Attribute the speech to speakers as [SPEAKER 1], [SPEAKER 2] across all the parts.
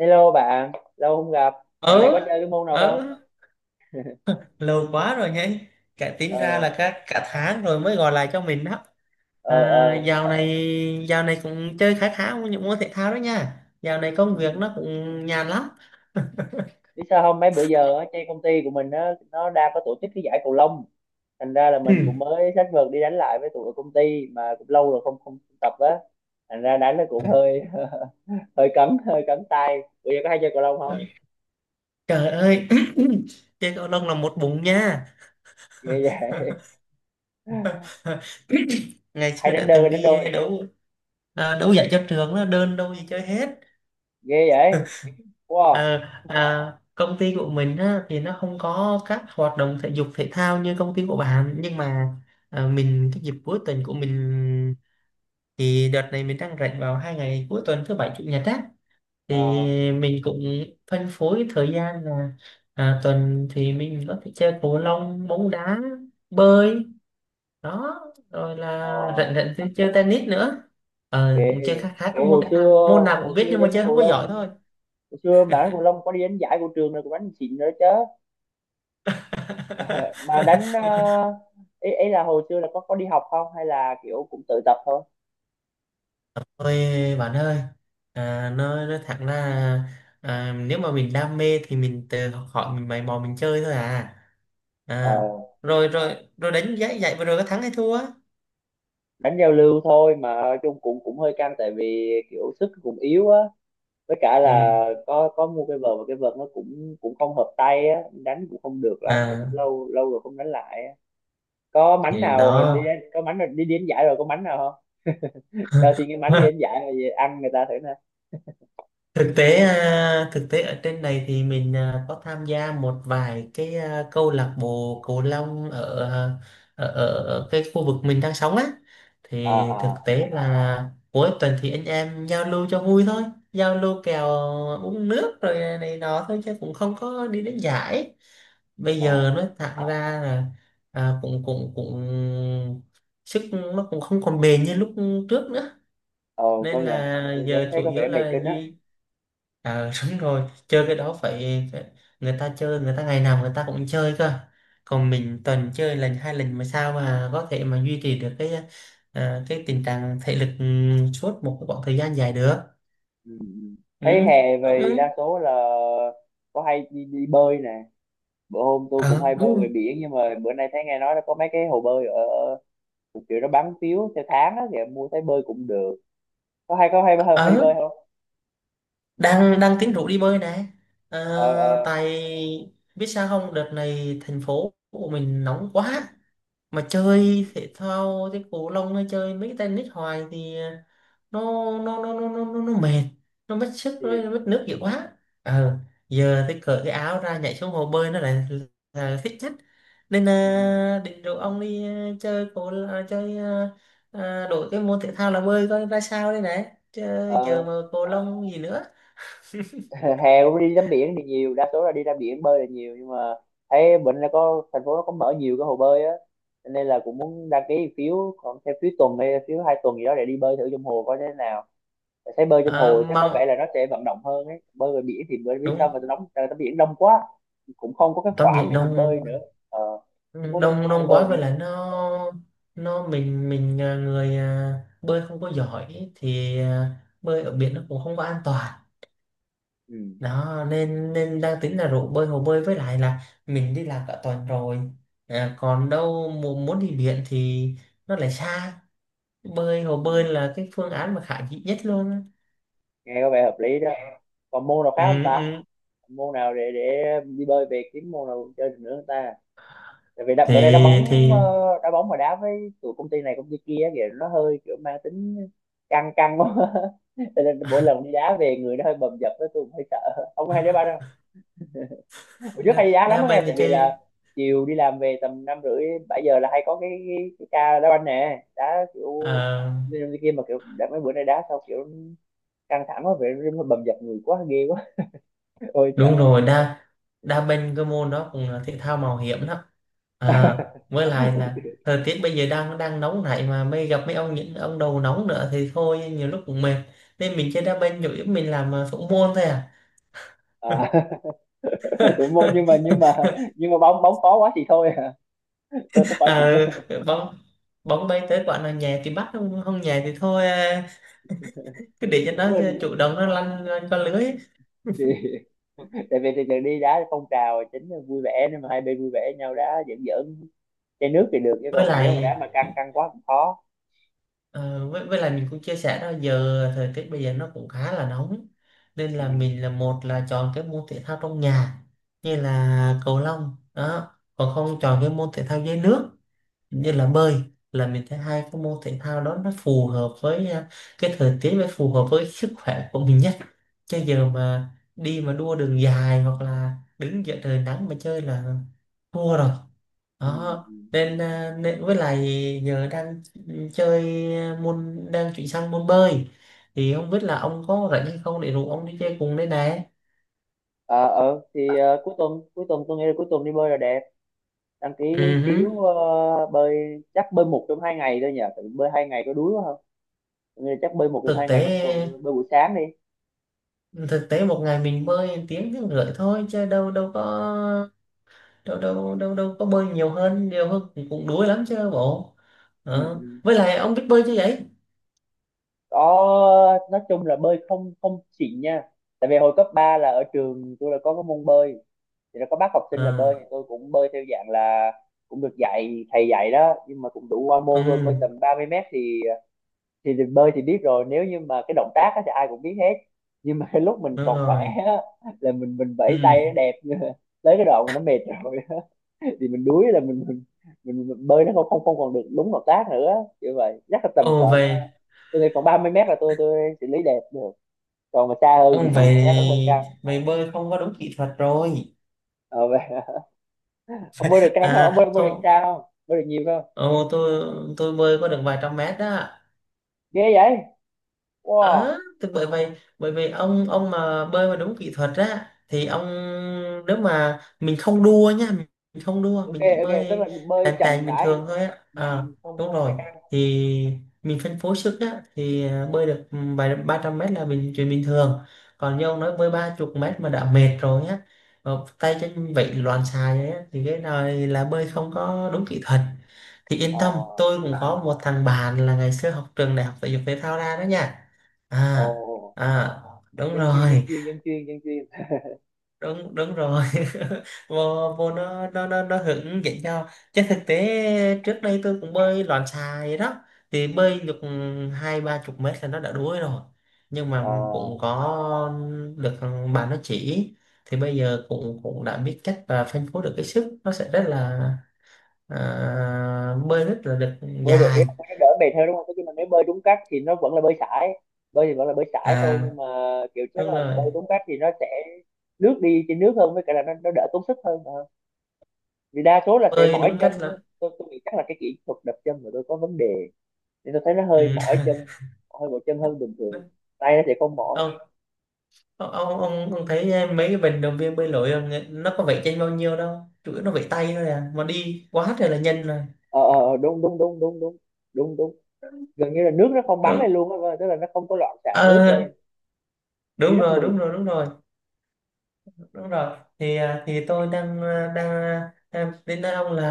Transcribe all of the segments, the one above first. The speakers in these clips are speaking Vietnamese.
[SPEAKER 1] Hello bạn, lâu không gặp. Dạo này có
[SPEAKER 2] ờ
[SPEAKER 1] chơi cái môn nào
[SPEAKER 2] ờ
[SPEAKER 1] không?
[SPEAKER 2] lâu quá rồi nhé. Cả tính ra
[SPEAKER 1] Ờ,
[SPEAKER 2] là cả cả tháng rồi mới gọi lại cho mình đó.
[SPEAKER 1] ờ, ờ.
[SPEAKER 2] Dạo này dạo này cũng chơi khá khá những môn thể thao đó nha, dạo này
[SPEAKER 1] Ừ.
[SPEAKER 2] công việc nó cũng nhàn lắm.
[SPEAKER 1] Biết sao không? Mấy bữa giờ á, trên công ty của mình á, nó đang có tổ chức cái giải cầu lông. Thành ra là mình cũng
[SPEAKER 2] Ừ.
[SPEAKER 1] mới sách vợt đi đánh lại với tụi ở công ty mà cũng lâu rồi không không tập á. Thành ra đánh nó cũng hơi hơi cấn tay. Bữa giờ có hay chơi cầu lông không?
[SPEAKER 2] Trời ơi! Chơi cầu lông là một bụng nha.
[SPEAKER 1] Ghê vậy.
[SPEAKER 2] Ngày
[SPEAKER 1] Hay
[SPEAKER 2] xưa
[SPEAKER 1] đánh
[SPEAKER 2] đã
[SPEAKER 1] đơn
[SPEAKER 2] từng
[SPEAKER 1] hay đánh
[SPEAKER 2] đi
[SPEAKER 1] đôi?
[SPEAKER 2] đấu. Đấu giải cho trường đó, đơn đâu gì chơi hết.
[SPEAKER 1] Ghê vậy. Wow.
[SPEAKER 2] Ờ, công ty của mình á, thì nó không có các hoạt động thể dục thể thao như công ty của bạn, nhưng mà mình, cái dịp cuối tuần của mình, thì đợt này mình đang rảnh vào hai ngày cuối tuần, thứ bảy chủ nhật á, thì
[SPEAKER 1] Ờ,
[SPEAKER 2] mình cũng phân phối thời gian là tuần thì mình có thể chơi cầu lông, bóng đá, bơi đó, rồi
[SPEAKER 1] ờ,
[SPEAKER 2] là rảnh rảnh thì chơi tennis nữa.
[SPEAKER 1] ghê.
[SPEAKER 2] Ờ, cũng chơi khá khá các
[SPEAKER 1] Ủa,
[SPEAKER 2] môn
[SPEAKER 1] hồi
[SPEAKER 2] thể
[SPEAKER 1] xưa
[SPEAKER 2] thao, môn nào cũng
[SPEAKER 1] hồi
[SPEAKER 2] biết
[SPEAKER 1] xưa
[SPEAKER 2] nhưng mà
[SPEAKER 1] đánh
[SPEAKER 2] chơi
[SPEAKER 1] cầu
[SPEAKER 2] không có
[SPEAKER 1] lông.
[SPEAKER 2] giỏi thôi.
[SPEAKER 1] Hồi xưa bạn đánh cầu lông có đi đánh giải của trường rồi cũng đánh xịn nữa chứ. Ờ, mà đánh ờ, ý là hồi xưa là có đi học không hay là kiểu cũng tự tập thôi.
[SPEAKER 2] Ôi bạn ơi, nói thẳng ra, nếu mà mình đam mê thì mình tự học hỏi, mình mày mò mình chơi thôi à.
[SPEAKER 1] Ờ,
[SPEAKER 2] À, rồi rồi rồi đánh giá giải vừa rồi có thắng hay thua á?
[SPEAKER 1] đánh giao lưu thôi mà nói chung cũng cũng hơi căng tại vì kiểu sức cũng yếu á, với cả
[SPEAKER 2] Ừ.
[SPEAKER 1] là có mua cái vợt và cái vợt nó cũng cũng không hợp tay á, đánh cũng không được lắm tại cũng
[SPEAKER 2] À,
[SPEAKER 1] lâu lâu rồi không đánh lại á. có mánh
[SPEAKER 2] thì
[SPEAKER 1] nào đi
[SPEAKER 2] đó.
[SPEAKER 1] đánh- có mánh nào đi đánh giải rồi có mánh nào không? Cho xin cái mánh đi đánh giải rồi về ăn người ta thử nè.
[SPEAKER 2] Thực tế ở trên này thì mình, có tham gia một vài cái, câu lạc bộ cầu lông ở, à, ở ở ở cái khu vực mình đang sống á,
[SPEAKER 1] À,
[SPEAKER 2] thì thực
[SPEAKER 1] à,
[SPEAKER 2] tế là cuối tuần thì anh em giao lưu cho vui thôi, giao lưu kèo, uống nước rồi này nọ thôi chứ cũng không có đi đến giải. Bây giờ
[SPEAKER 1] à.
[SPEAKER 2] nói thẳng ra là à, cũng cũng cũng sức nó cũng không còn bền như lúc trước nữa,
[SPEAKER 1] Ồ,
[SPEAKER 2] nên
[SPEAKER 1] công nhận,
[SPEAKER 2] là
[SPEAKER 1] đến
[SPEAKER 2] giờ
[SPEAKER 1] thấy
[SPEAKER 2] chủ
[SPEAKER 1] có
[SPEAKER 2] yếu
[SPEAKER 1] vẻ mệt
[SPEAKER 2] là
[SPEAKER 1] kinh á.
[SPEAKER 2] duy. Ờ, đúng rồi, chơi cái đó phải, phải, người ta chơi, người ta ngày nào người ta cũng chơi cơ. Còn mình tuần chơi lần hai lần mà sao mà có thể mà duy trì được cái, ờ, cái tình trạng thể lực, ừ, suốt một cái khoảng thời gian dài được.
[SPEAKER 1] Ừ. Ừ. Thấy
[SPEAKER 2] Ừ.
[SPEAKER 1] hè về
[SPEAKER 2] Ừ.
[SPEAKER 1] đa số là có hay đi bơi nè. Bữa hôm tôi cũng
[SPEAKER 2] Ờ,
[SPEAKER 1] hay bơi về
[SPEAKER 2] đúng.
[SPEAKER 1] biển nhưng mà bữa nay thấy nghe nói là có mấy cái hồ bơi ở ở- một kiểu nó bán phiếu theo tháng á thì em mua thấy bơi cũng được. Có hay có hay hay, hay đi
[SPEAKER 2] Ờ,
[SPEAKER 1] bơi không?
[SPEAKER 2] đang đang tính rủ đi bơi nè. Ờ,
[SPEAKER 1] Ờ, ờ.
[SPEAKER 2] tại biết sao không, đợt này thành phố của mình nóng quá. Mà
[SPEAKER 1] Ừ. Ừ.
[SPEAKER 2] chơi thể thao thế, cầu lông hay chơi mấy cái tennis hoài thì nó nó mệt, nó mất sức,
[SPEAKER 1] Thì.
[SPEAKER 2] nó mất nước nhiều quá. Ờ, giờ tôi cởi cái áo ra nhảy xuống hồ bơi nó lại là thích nhất, nên
[SPEAKER 1] Ừ.
[SPEAKER 2] định rủ ông đi, à, chơi cầu à, chơi à, à, đổi cái môn thể thao là bơi coi ra sao đây này, chứ giờ
[SPEAKER 1] Ờ,
[SPEAKER 2] mà cầu lông gì nữa.
[SPEAKER 1] hè cũng đi tắm biển thì nhiều, đa số là đi ra biển bơi là nhiều nhưng mà thấy bệnh nó có thành phố nó có mở nhiều cái hồ bơi á. Cho nên là cũng muốn đăng ký phiếu còn theo phiếu tuần hay phiếu 2 tuần gì đó để đi bơi thử trong hồ coi thế nào. Tại thấy bơi trong
[SPEAKER 2] Ờ,
[SPEAKER 1] hồ chắc có vẻ
[SPEAKER 2] mà
[SPEAKER 1] là nó sẽ vận động hơn ấy, bơi ngoài biển thì bơi biết sao mà
[SPEAKER 2] đúng,
[SPEAKER 1] tao đóng tao tắm biển đông quá, cũng không có cái
[SPEAKER 2] tắm
[SPEAKER 1] khoảng
[SPEAKER 2] biển
[SPEAKER 1] để mình
[SPEAKER 2] đông.
[SPEAKER 1] bơi nữa. Ờ,
[SPEAKER 2] Ừ,
[SPEAKER 1] không có cái
[SPEAKER 2] đông
[SPEAKER 1] khoảng để
[SPEAKER 2] đông
[SPEAKER 1] bơi
[SPEAKER 2] quá
[SPEAKER 1] nữa.
[SPEAKER 2] vậy là nó mình à, người à, bơi không có giỏi thì bơi ở biển nó cũng không có an toàn
[SPEAKER 1] Ừ.
[SPEAKER 2] đó, nên nên đang tính là rủ bơi hồ bơi, với lại là mình đi làm cả tuần rồi, còn đâu muốn muốn đi biển thì nó lại xa, bơi hồ
[SPEAKER 1] Ừ.
[SPEAKER 2] bơi là cái phương án mà khả dĩ nhất luôn á.
[SPEAKER 1] Nghe có vẻ hợp lý đó. Còn môn nào khác không
[SPEAKER 2] Ừ,
[SPEAKER 1] ta?
[SPEAKER 2] ừ.
[SPEAKER 1] Môn nào để đi bơi về kiếm môn nào chơi được nữa không ta? Tại vì đã, bữa nay đá
[SPEAKER 2] thì
[SPEAKER 1] bóng,
[SPEAKER 2] thì
[SPEAKER 1] đá bóng mà đá với tụi công ty này công ty kia thì nó hơi kiểu mang tính căng căng quá. Cho nên mỗi lần đi đá về người nó hơi bầm dập đó, tôi cũng hơi sợ, không có hay đá banh đâu. Hồi trước hay
[SPEAKER 2] đa,
[SPEAKER 1] đi đá lắm
[SPEAKER 2] đa
[SPEAKER 1] đó
[SPEAKER 2] bên
[SPEAKER 1] nghe,
[SPEAKER 2] thì
[SPEAKER 1] tại vì
[SPEAKER 2] chơi.
[SPEAKER 1] là chiều đi làm về tầm 5h30 7h là hay có cái ca đá banh nè, đá kiểu
[SPEAKER 2] à,
[SPEAKER 1] đi đi kia mà kiểu đã mấy bữa nay đá sau kiểu căng thẳng quá vậy nó bầm dập người quá ghê quá. Ôi
[SPEAKER 2] Đúng
[SPEAKER 1] sợ.
[SPEAKER 2] rồi, đa đa bên cái môn đó cũng là thể thao mạo hiểm đó, à, với lại là thời tiết bây giờ đang đang nóng này, mà mới gặp mấy ông, những ông đầu nóng nữa thì thôi, nhiều lúc cũng mệt. Nên mình chơi đa bên chủ yếu mình làm thủ môn thôi à.
[SPEAKER 1] À. Tụi môn nhưng mà nhưng mà bóng bóng khó quá thì thôi à. Tôi khỏi nhập.
[SPEAKER 2] Ờ, bóng bóng bay tới quả nào nhẹ thì bắt, không không nhẹ thì thôi à, cứ để cho
[SPEAKER 1] Đúng
[SPEAKER 2] nó,
[SPEAKER 1] rồi.
[SPEAKER 2] chủ động nó lăn, lăn qua lưới.
[SPEAKER 1] Thì, tại vì từ từ đi đá phong trào chính là vui vẻ nên mà hai bên vui vẻ nhau đá giỡn giỡn, chai nước thì được chứ
[SPEAKER 2] Với
[SPEAKER 1] còn mà nếu mà
[SPEAKER 2] lại,
[SPEAKER 1] đá mà căng căng quá cũng khó.
[SPEAKER 2] ờ, với lại mình cũng chia sẻ đó, giờ thời tiết bây giờ nó cũng khá là nóng, nên
[SPEAKER 1] Ừ.
[SPEAKER 2] là mình là, một là chọn cái môn thể thao trong nhà như là cầu lông đó, còn không chọn cái môn thể thao dưới nước như là bơi, là mình thấy hai cái môn thể thao đó nó phù hợp với, cái thời tiết và phù hợp với sức khỏe của mình nhất. Chứ giờ mà đi mà đua đường dài hoặc là đứng giữa trời nắng mà chơi là thua rồi
[SPEAKER 1] Ừ.
[SPEAKER 2] đó.
[SPEAKER 1] Ừ.
[SPEAKER 2] Nên, à, nên với lại giờ đang chơi môn, đang chuyển sang môn bơi, thì không biết là ông có rảnh hay không để rủ ông đi chơi cùng đây này.
[SPEAKER 1] thì, cuối tuần tôi nghĩ là cuối tuần đi bơi là đẹp. Đăng ký cái
[SPEAKER 2] Ừ. Hứ.
[SPEAKER 1] phiếu bơi chắc bơi một trong 2 ngày thôi nhỉ? Tại vì bơi 2 ngày có đuối quá không? Tôi nghĩ là chắc bơi một trong
[SPEAKER 2] thực
[SPEAKER 1] hai ngày cuối
[SPEAKER 2] tế
[SPEAKER 1] tuần, bơi buổi sáng đi.
[SPEAKER 2] Thực tế một ngày mình bơi tiếng tiếng rưỡi thôi chứ đâu đâu có, đâu đâu đâu đâu có bơi nhiều hơn, nhiều hơn cũng, cũng đuối lắm chứ bộ.
[SPEAKER 1] Ừ.
[SPEAKER 2] Ờ.
[SPEAKER 1] Ừ.
[SPEAKER 2] Với lại ông biết bơi chứ vậy?
[SPEAKER 1] Có nói chung là bơi không không xịn nha, tại vì hồi cấp 3 là ở trường tôi là có cái môn bơi thì nó có bắt học sinh là bơi
[SPEAKER 2] À,
[SPEAKER 1] thì tôi cũng bơi theo dạng là cũng được dạy thầy dạy đó nhưng mà cũng đủ qua
[SPEAKER 2] ừ
[SPEAKER 1] môn thôi, bơi tầm 30 m. Thì bơi thì biết rồi, nếu như mà cái động tác á thì ai cũng biết hết nhưng mà cái lúc mình
[SPEAKER 2] đúng
[SPEAKER 1] còn khỏe
[SPEAKER 2] rồi,
[SPEAKER 1] á, là mình vẫy
[SPEAKER 2] ừ,
[SPEAKER 1] tay nó đẹp nhưng mà tới cái đoạn mà nó mệt rồi á, thì mình đuối là mình bơi nó không không không còn được đúng động tác nữa. Như vậy chắc là tầm
[SPEAKER 2] ồ
[SPEAKER 1] khoảng,
[SPEAKER 2] vậy,
[SPEAKER 1] tôi nghĩ khoảng 30 m là tôi xử lý đẹp được, còn mà xa hơn
[SPEAKER 2] ông
[SPEAKER 1] thì
[SPEAKER 2] vậy,
[SPEAKER 1] chắc là hơi căng.
[SPEAKER 2] vậy bơi không có đúng kỹ thuật rồi.
[SPEAKER 1] Ờ, vậy. Ông bơi được căng không? ông bơi,
[SPEAKER 2] À
[SPEAKER 1] ông bơi được
[SPEAKER 2] không,
[SPEAKER 1] cao không, bơi được nhiều không?
[SPEAKER 2] ồ, tôi bơi có được vài trăm mét đó.
[SPEAKER 1] Ghê vậy. Wow.
[SPEAKER 2] Ờ, thì bởi vậy, bởi vậy ông mà bơi mà đúng kỹ thuật á thì ông, nếu mà mình không đua nha, mình không đua,
[SPEAKER 1] Ok
[SPEAKER 2] mình chỉ
[SPEAKER 1] ok, tức là
[SPEAKER 2] bơi tàn
[SPEAKER 1] bơi chậm
[SPEAKER 2] tàn bình
[SPEAKER 1] rãi.
[SPEAKER 2] thường thôi á,
[SPEAKER 1] Ừ, ừ, không
[SPEAKER 2] đúng
[SPEAKER 1] không phải
[SPEAKER 2] rồi,
[SPEAKER 1] căng.
[SPEAKER 2] thì mình phân phối sức á thì, bơi được, ừ, vài 300 mét là mình chuyện bình thường. Còn như ông nói bơi ba chục mét mà đã mệt rồi á, ờ, tay chân vậy loạn xài ấy á, thì cái này là bơi không có đúng kỹ thuật. Thì yên tâm,
[SPEAKER 1] À.
[SPEAKER 2] tôi cũng có một thằng bạn là ngày xưa học trường đại học thể dục thể thao ra đó nha.
[SPEAKER 1] Ồ.
[SPEAKER 2] À. À đúng
[SPEAKER 1] Dân chuyên dân
[SPEAKER 2] rồi.
[SPEAKER 1] chuyên dân chuyên dân chuyên.
[SPEAKER 2] Đúng Đúng rồi. vô vô nó hướng dẫn cho, chứ thực tế trước đây tôi cũng bơi loạn xà vậy đó, thì bơi được hai ba chục mét là nó đã đuối rồi, nhưng mà
[SPEAKER 1] À,
[SPEAKER 2] cũng có được bạn nó chỉ, thì bây giờ cũng cũng đã biết cách và phân phối được cái sức, nó sẽ rất là, bơi rất là được
[SPEAKER 1] bơi được ý
[SPEAKER 2] dài.
[SPEAKER 1] là bơi nó đỡ mệt hơn đúng không? Tức là nếu bơi đúng cách thì nó vẫn là bơi sải, bơi thì vẫn là bơi sải thôi
[SPEAKER 2] À
[SPEAKER 1] nhưng mà kiểu chắc
[SPEAKER 2] đúng
[SPEAKER 1] là bơi
[SPEAKER 2] rồi,
[SPEAKER 1] đúng cách thì nó sẽ lướt đi trên nước hơn, với cả là nó đỡ tốn sức hơn. Ờ. Vì đa số là sẽ
[SPEAKER 2] bơi
[SPEAKER 1] mỏi
[SPEAKER 2] đúng
[SPEAKER 1] chân.
[SPEAKER 2] cách là.
[SPEAKER 1] Tôi nghĩ chắc là cái kỹ thuật đập chân của tôi có vấn đề, nên tôi thấy nó hơi
[SPEAKER 2] Ừ.
[SPEAKER 1] mỏi chân, hơi mỏi chân hơn bình thường, tay nó sẽ không mỏi.
[SPEAKER 2] Ờ, ông thấy, ờ, mấy cái vận động viên bơi lội là nó có vẩy chân bao nhiêu đâu, chủ yếu nó vẩy tay thôi à mà đi quá trời là nhanh rồi.
[SPEAKER 1] Ờ, ờ, ờ, đúng đúng đúng đúng đúng. Đúng đúng. Gần như là nước nó không bắn
[SPEAKER 2] Đúng.
[SPEAKER 1] lên luôn á, tức là nó không có loạn xạ nước
[SPEAKER 2] Ờ,
[SPEAKER 1] lên. Đi rất mượt.
[SPEAKER 2] đúng rồi. Thì, tôi đang, đang đến nói ông là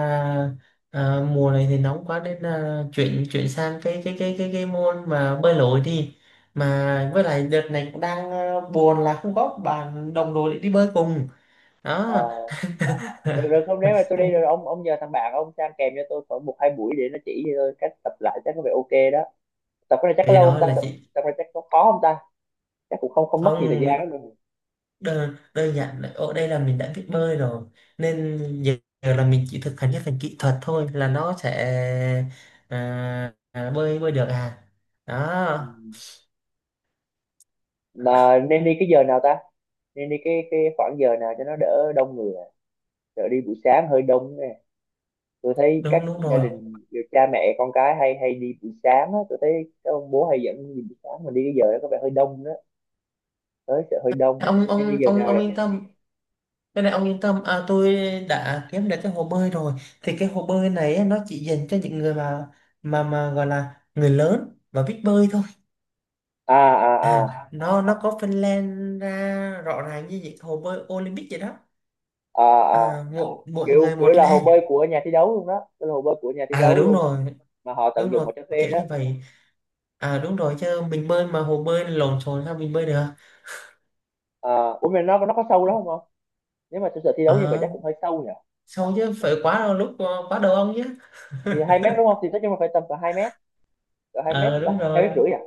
[SPEAKER 2] mùa này thì nóng quá, nên là chuyển chuyển sang cái môn mà bơi lội đi. Mà với lại đợt này cũng đang, buồn là không có bạn đồng đội để đi bơi cùng đó.
[SPEAKER 1] Ờ. được được không, nếu mà tôi đi rồi ông nhờ thằng bạn ông sang kèm cho tôi khoảng một hai buổi để nó chỉ cho tôi cách tập lại chắc có vẻ ok đó. Tập cái này chắc
[SPEAKER 2] Cái
[SPEAKER 1] lâu
[SPEAKER 2] đó
[SPEAKER 1] không ta?
[SPEAKER 2] là
[SPEAKER 1] Tập,
[SPEAKER 2] chị,
[SPEAKER 1] tập cái này chắc có khó không ta? Chắc cũng không không mất nhiều thời gian
[SPEAKER 2] không,
[SPEAKER 1] lắm đâu.
[SPEAKER 2] đơn giản là ở đây là mình đã biết bơi rồi, nên giờ là mình chỉ thực hành cái phần kỹ thuật thôi là nó sẽ, à, bơi bơi được à
[SPEAKER 1] Ừ.
[SPEAKER 2] đó.
[SPEAKER 1] Mà nên đi cái giờ nào ta? Nên đi cái khoảng giờ nào cho nó đỡ đông người à? Đỡ đi buổi sáng hơi đông, tôi thấy các
[SPEAKER 2] Đúng Đúng
[SPEAKER 1] gia
[SPEAKER 2] rồi.
[SPEAKER 1] đình cha mẹ con cái hay hay đi buổi sáng á, tôi thấy các ông bố hay dẫn đi buổi sáng mà đi cái giờ đó có vẻ hơi đông đó, tới sẽ hơi đông. Nên đi giờ nào
[SPEAKER 2] Ông
[SPEAKER 1] đẹp
[SPEAKER 2] yên
[SPEAKER 1] nhỉ?
[SPEAKER 2] tâm, cái này ông yên tâm, tôi đã kiếm được cái hồ bơi rồi, thì cái hồ bơi này á, nó chỉ dành cho những người mà gọi là người lớn và biết bơi thôi.
[SPEAKER 1] À, à, à,
[SPEAKER 2] À. Nó có phân lên ra rõ ràng như những hồ bơi Olympic vậy đó,
[SPEAKER 1] à, à.
[SPEAKER 2] mỗi mỗi
[SPEAKER 1] kiểu
[SPEAKER 2] người
[SPEAKER 1] kiểu
[SPEAKER 2] một
[SPEAKER 1] là hồ
[SPEAKER 2] làng.
[SPEAKER 1] bơi của nhà thi đấu luôn đó. Kiểu là hồ bơi của nhà thi
[SPEAKER 2] À
[SPEAKER 1] đấu
[SPEAKER 2] đúng
[SPEAKER 1] luôn
[SPEAKER 2] rồi,
[SPEAKER 1] mà họ
[SPEAKER 2] đúng
[SPEAKER 1] tận dụng
[SPEAKER 2] rồi,
[SPEAKER 1] họ cho thuê
[SPEAKER 2] kiểu
[SPEAKER 1] đó.
[SPEAKER 2] như vậy. À đúng rồi, chứ mình bơi mà hồ bơi lộn xộn sao mình bơi được.
[SPEAKER 1] À, ủa mà nó có sâu lắm không không? Nếu mà thực sự thi đấu như vậy
[SPEAKER 2] à,
[SPEAKER 1] chắc cũng hơi sâu nhỉ?
[SPEAKER 2] Sao chứ phải quá đau lúc, ờ, quá đầu ông chứ.
[SPEAKER 1] Thì 2 m đúng không, thì nói chung là phải tầm cỡ 2 m, cỡ 2 m
[SPEAKER 2] à,
[SPEAKER 1] chúng ta
[SPEAKER 2] đúng
[SPEAKER 1] hai
[SPEAKER 2] rồi
[SPEAKER 1] mét rưỡi à.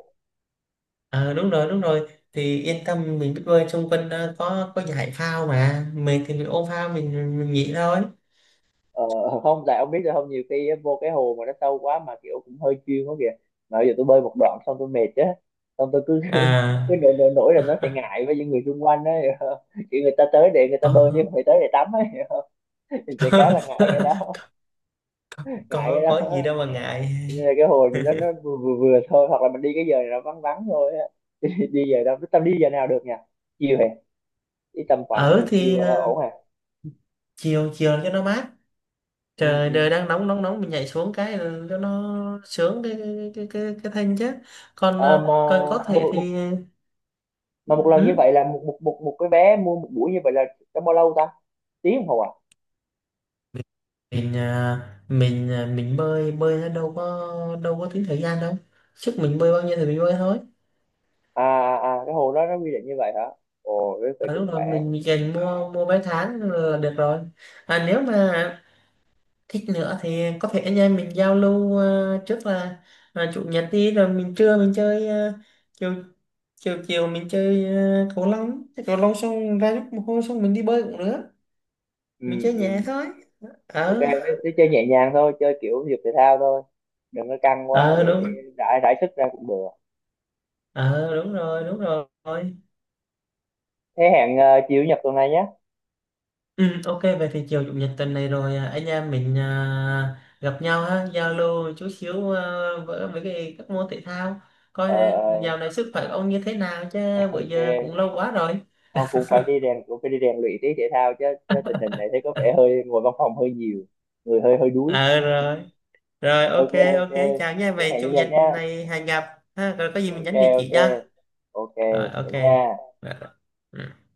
[SPEAKER 2] Đúng rồi đúng rồi, thì yên tâm mình biết bơi, xung quanh có giải phao mà, mình thì mình ôm phao mình nghỉ thôi
[SPEAKER 1] Ờ, không tại ông biết rồi không, nhiều khi á, vô cái hồ mà nó sâu quá mà kiểu cũng hơi chuyên quá kìa, mà bây giờ tôi bơi một đoạn xong tôi mệt á, xong tôi cứ cứ
[SPEAKER 2] à.
[SPEAKER 1] nổi nổi nổi là nó sẽ ngại với những người xung quanh á, hiểu không? Kiểu người ta tới để người ta bơi chứ
[SPEAKER 2] Có.
[SPEAKER 1] không phải tới để tắm á, hiểu không? Thì trẻ cá là ngại cái đó. Ngại cái
[SPEAKER 2] có
[SPEAKER 1] đó.
[SPEAKER 2] có gì đâu mà ngại.
[SPEAKER 1] Cho nên là cái hồ thì nó vừa vừa, vừa thôi hoặc là mình đi cái giờ này nó vắng vắng thôi á. Đi, giờ đâu tao đi giờ nào được nhỉ? Chiều hả? Đi tầm
[SPEAKER 2] Ở
[SPEAKER 1] khoảng chiều
[SPEAKER 2] thì,
[SPEAKER 1] là ổn hả?
[SPEAKER 2] chiều chiều cho nó mát,
[SPEAKER 1] Ừ,
[SPEAKER 2] trời
[SPEAKER 1] ừ.
[SPEAKER 2] đời đang nóng nóng nóng, mình nhảy xuống cái, ừ, cho nó sướng cái cái thân chứ, còn
[SPEAKER 1] Ờ, mà
[SPEAKER 2] ờ, còn có thể
[SPEAKER 1] một
[SPEAKER 2] thì.
[SPEAKER 1] một lần như
[SPEAKER 2] Ừ.
[SPEAKER 1] vậy là một một một một cái vé mua một buổi như vậy là trong bao lâu ta, tiếng đồng hồ à?
[SPEAKER 2] mình mình bơi bơi nó đâu có, tính thời gian đâu, sức mình bơi bao nhiêu thì mình bơi thôi.
[SPEAKER 1] À, à, à, cái hồ đó nó quy định như vậy hả? Ồ thế vậy
[SPEAKER 2] Ở
[SPEAKER 1] cũng
[SPEAKER 2] lúc đó
[SPEAKER 1] khỏe.
[SPEAKER 2] mình dành mua mua vé tháng là được rồi. Nếu mà thích nữa thì có thể anh em mình giao lưu, trước là chủ nhật đi, rồi mình trưa mình chơi, à, chiều chiều chiều mình chơi, ờ, cầu lông, chơi cầu lông xong ra lúc mồ hôi xong mình đi bơi cũng được,
[SPEAKER 1] Ừ.
[SPEAKER 2] mình chơi
[SPEAKER 1] Ừ.
[SPEAKER 2] nhẹ thôi.
[SPEAKER 1] Ok
[SPEAKER 2] Ờ
[SPEAKER 1] thế, chơi nhẹ nhàng thôi, chơi kiểu thể dục thể thao thôi, đừng có căng quá,
[SPEAKER 2] ờ
[SPEAKER 1] để,
[SPEAKER 2] đúng,
[SPEAKER 1] để rải rải sức ra cũng được.
[SPEAKER 2] ờ đúng rồi, đúng rồi.
[SPEAKER 1] Thế hẹn chiều chủ nhật tuần này nhé.
[SPEAKER 2] Ừ, ok vậy thì chiều chủ nhật tuần này rồi, anh em mình gặp nhau ha, giao lưu chút xíu, với cái các môn thể thao, coi
[SPEAKER 1] Ờ, ờ.
[SPEAKER 2] dạo này sức khỏe ông như thế nào chứ, bữa
[SPEAKER 1] Ok.
[SPEAKER 2] giờ cũng lâu quá rồi.
[SPEAKER 1] Không cũng phải đi rèn luyện tí thể thao chứ, chứ tình hình này thấy có vẻ hơi ngồi văn phòng hơi nhiều, người hơi hơi đuối.
[SPEAKER 2] Ờ rồi, rồi ok,
[SPEAKER 1] Ok ok
[SPEAKER 2] ok, chào nha,
[SPEAKER 1] thế
[SPEAKER 2] vậy
[SPEAKER 1] hẹn
[SPEAKER 2] chủ
[SPEAKER 1] chủ nhật
[SPEAKER 2] nhật
[SPEAKER 1] nhé.
[SPEAKER 2] này hẹn gặp ha. Rồi có gì mình
[SPEAKER 1] Ok
[SPEAKER 2] nhắn địa chỉ
[SPEAKER 1] ok
[SPEAKER 2] cho.
[SPEAKER 1] ok.
[SPEAKER 2] Rồi
[SPEAKER 1] Vậy
[SPEAKER 2] ok.
[SPEAKER 1] nha.
[SPEAKER 2] Rồi. Ừ.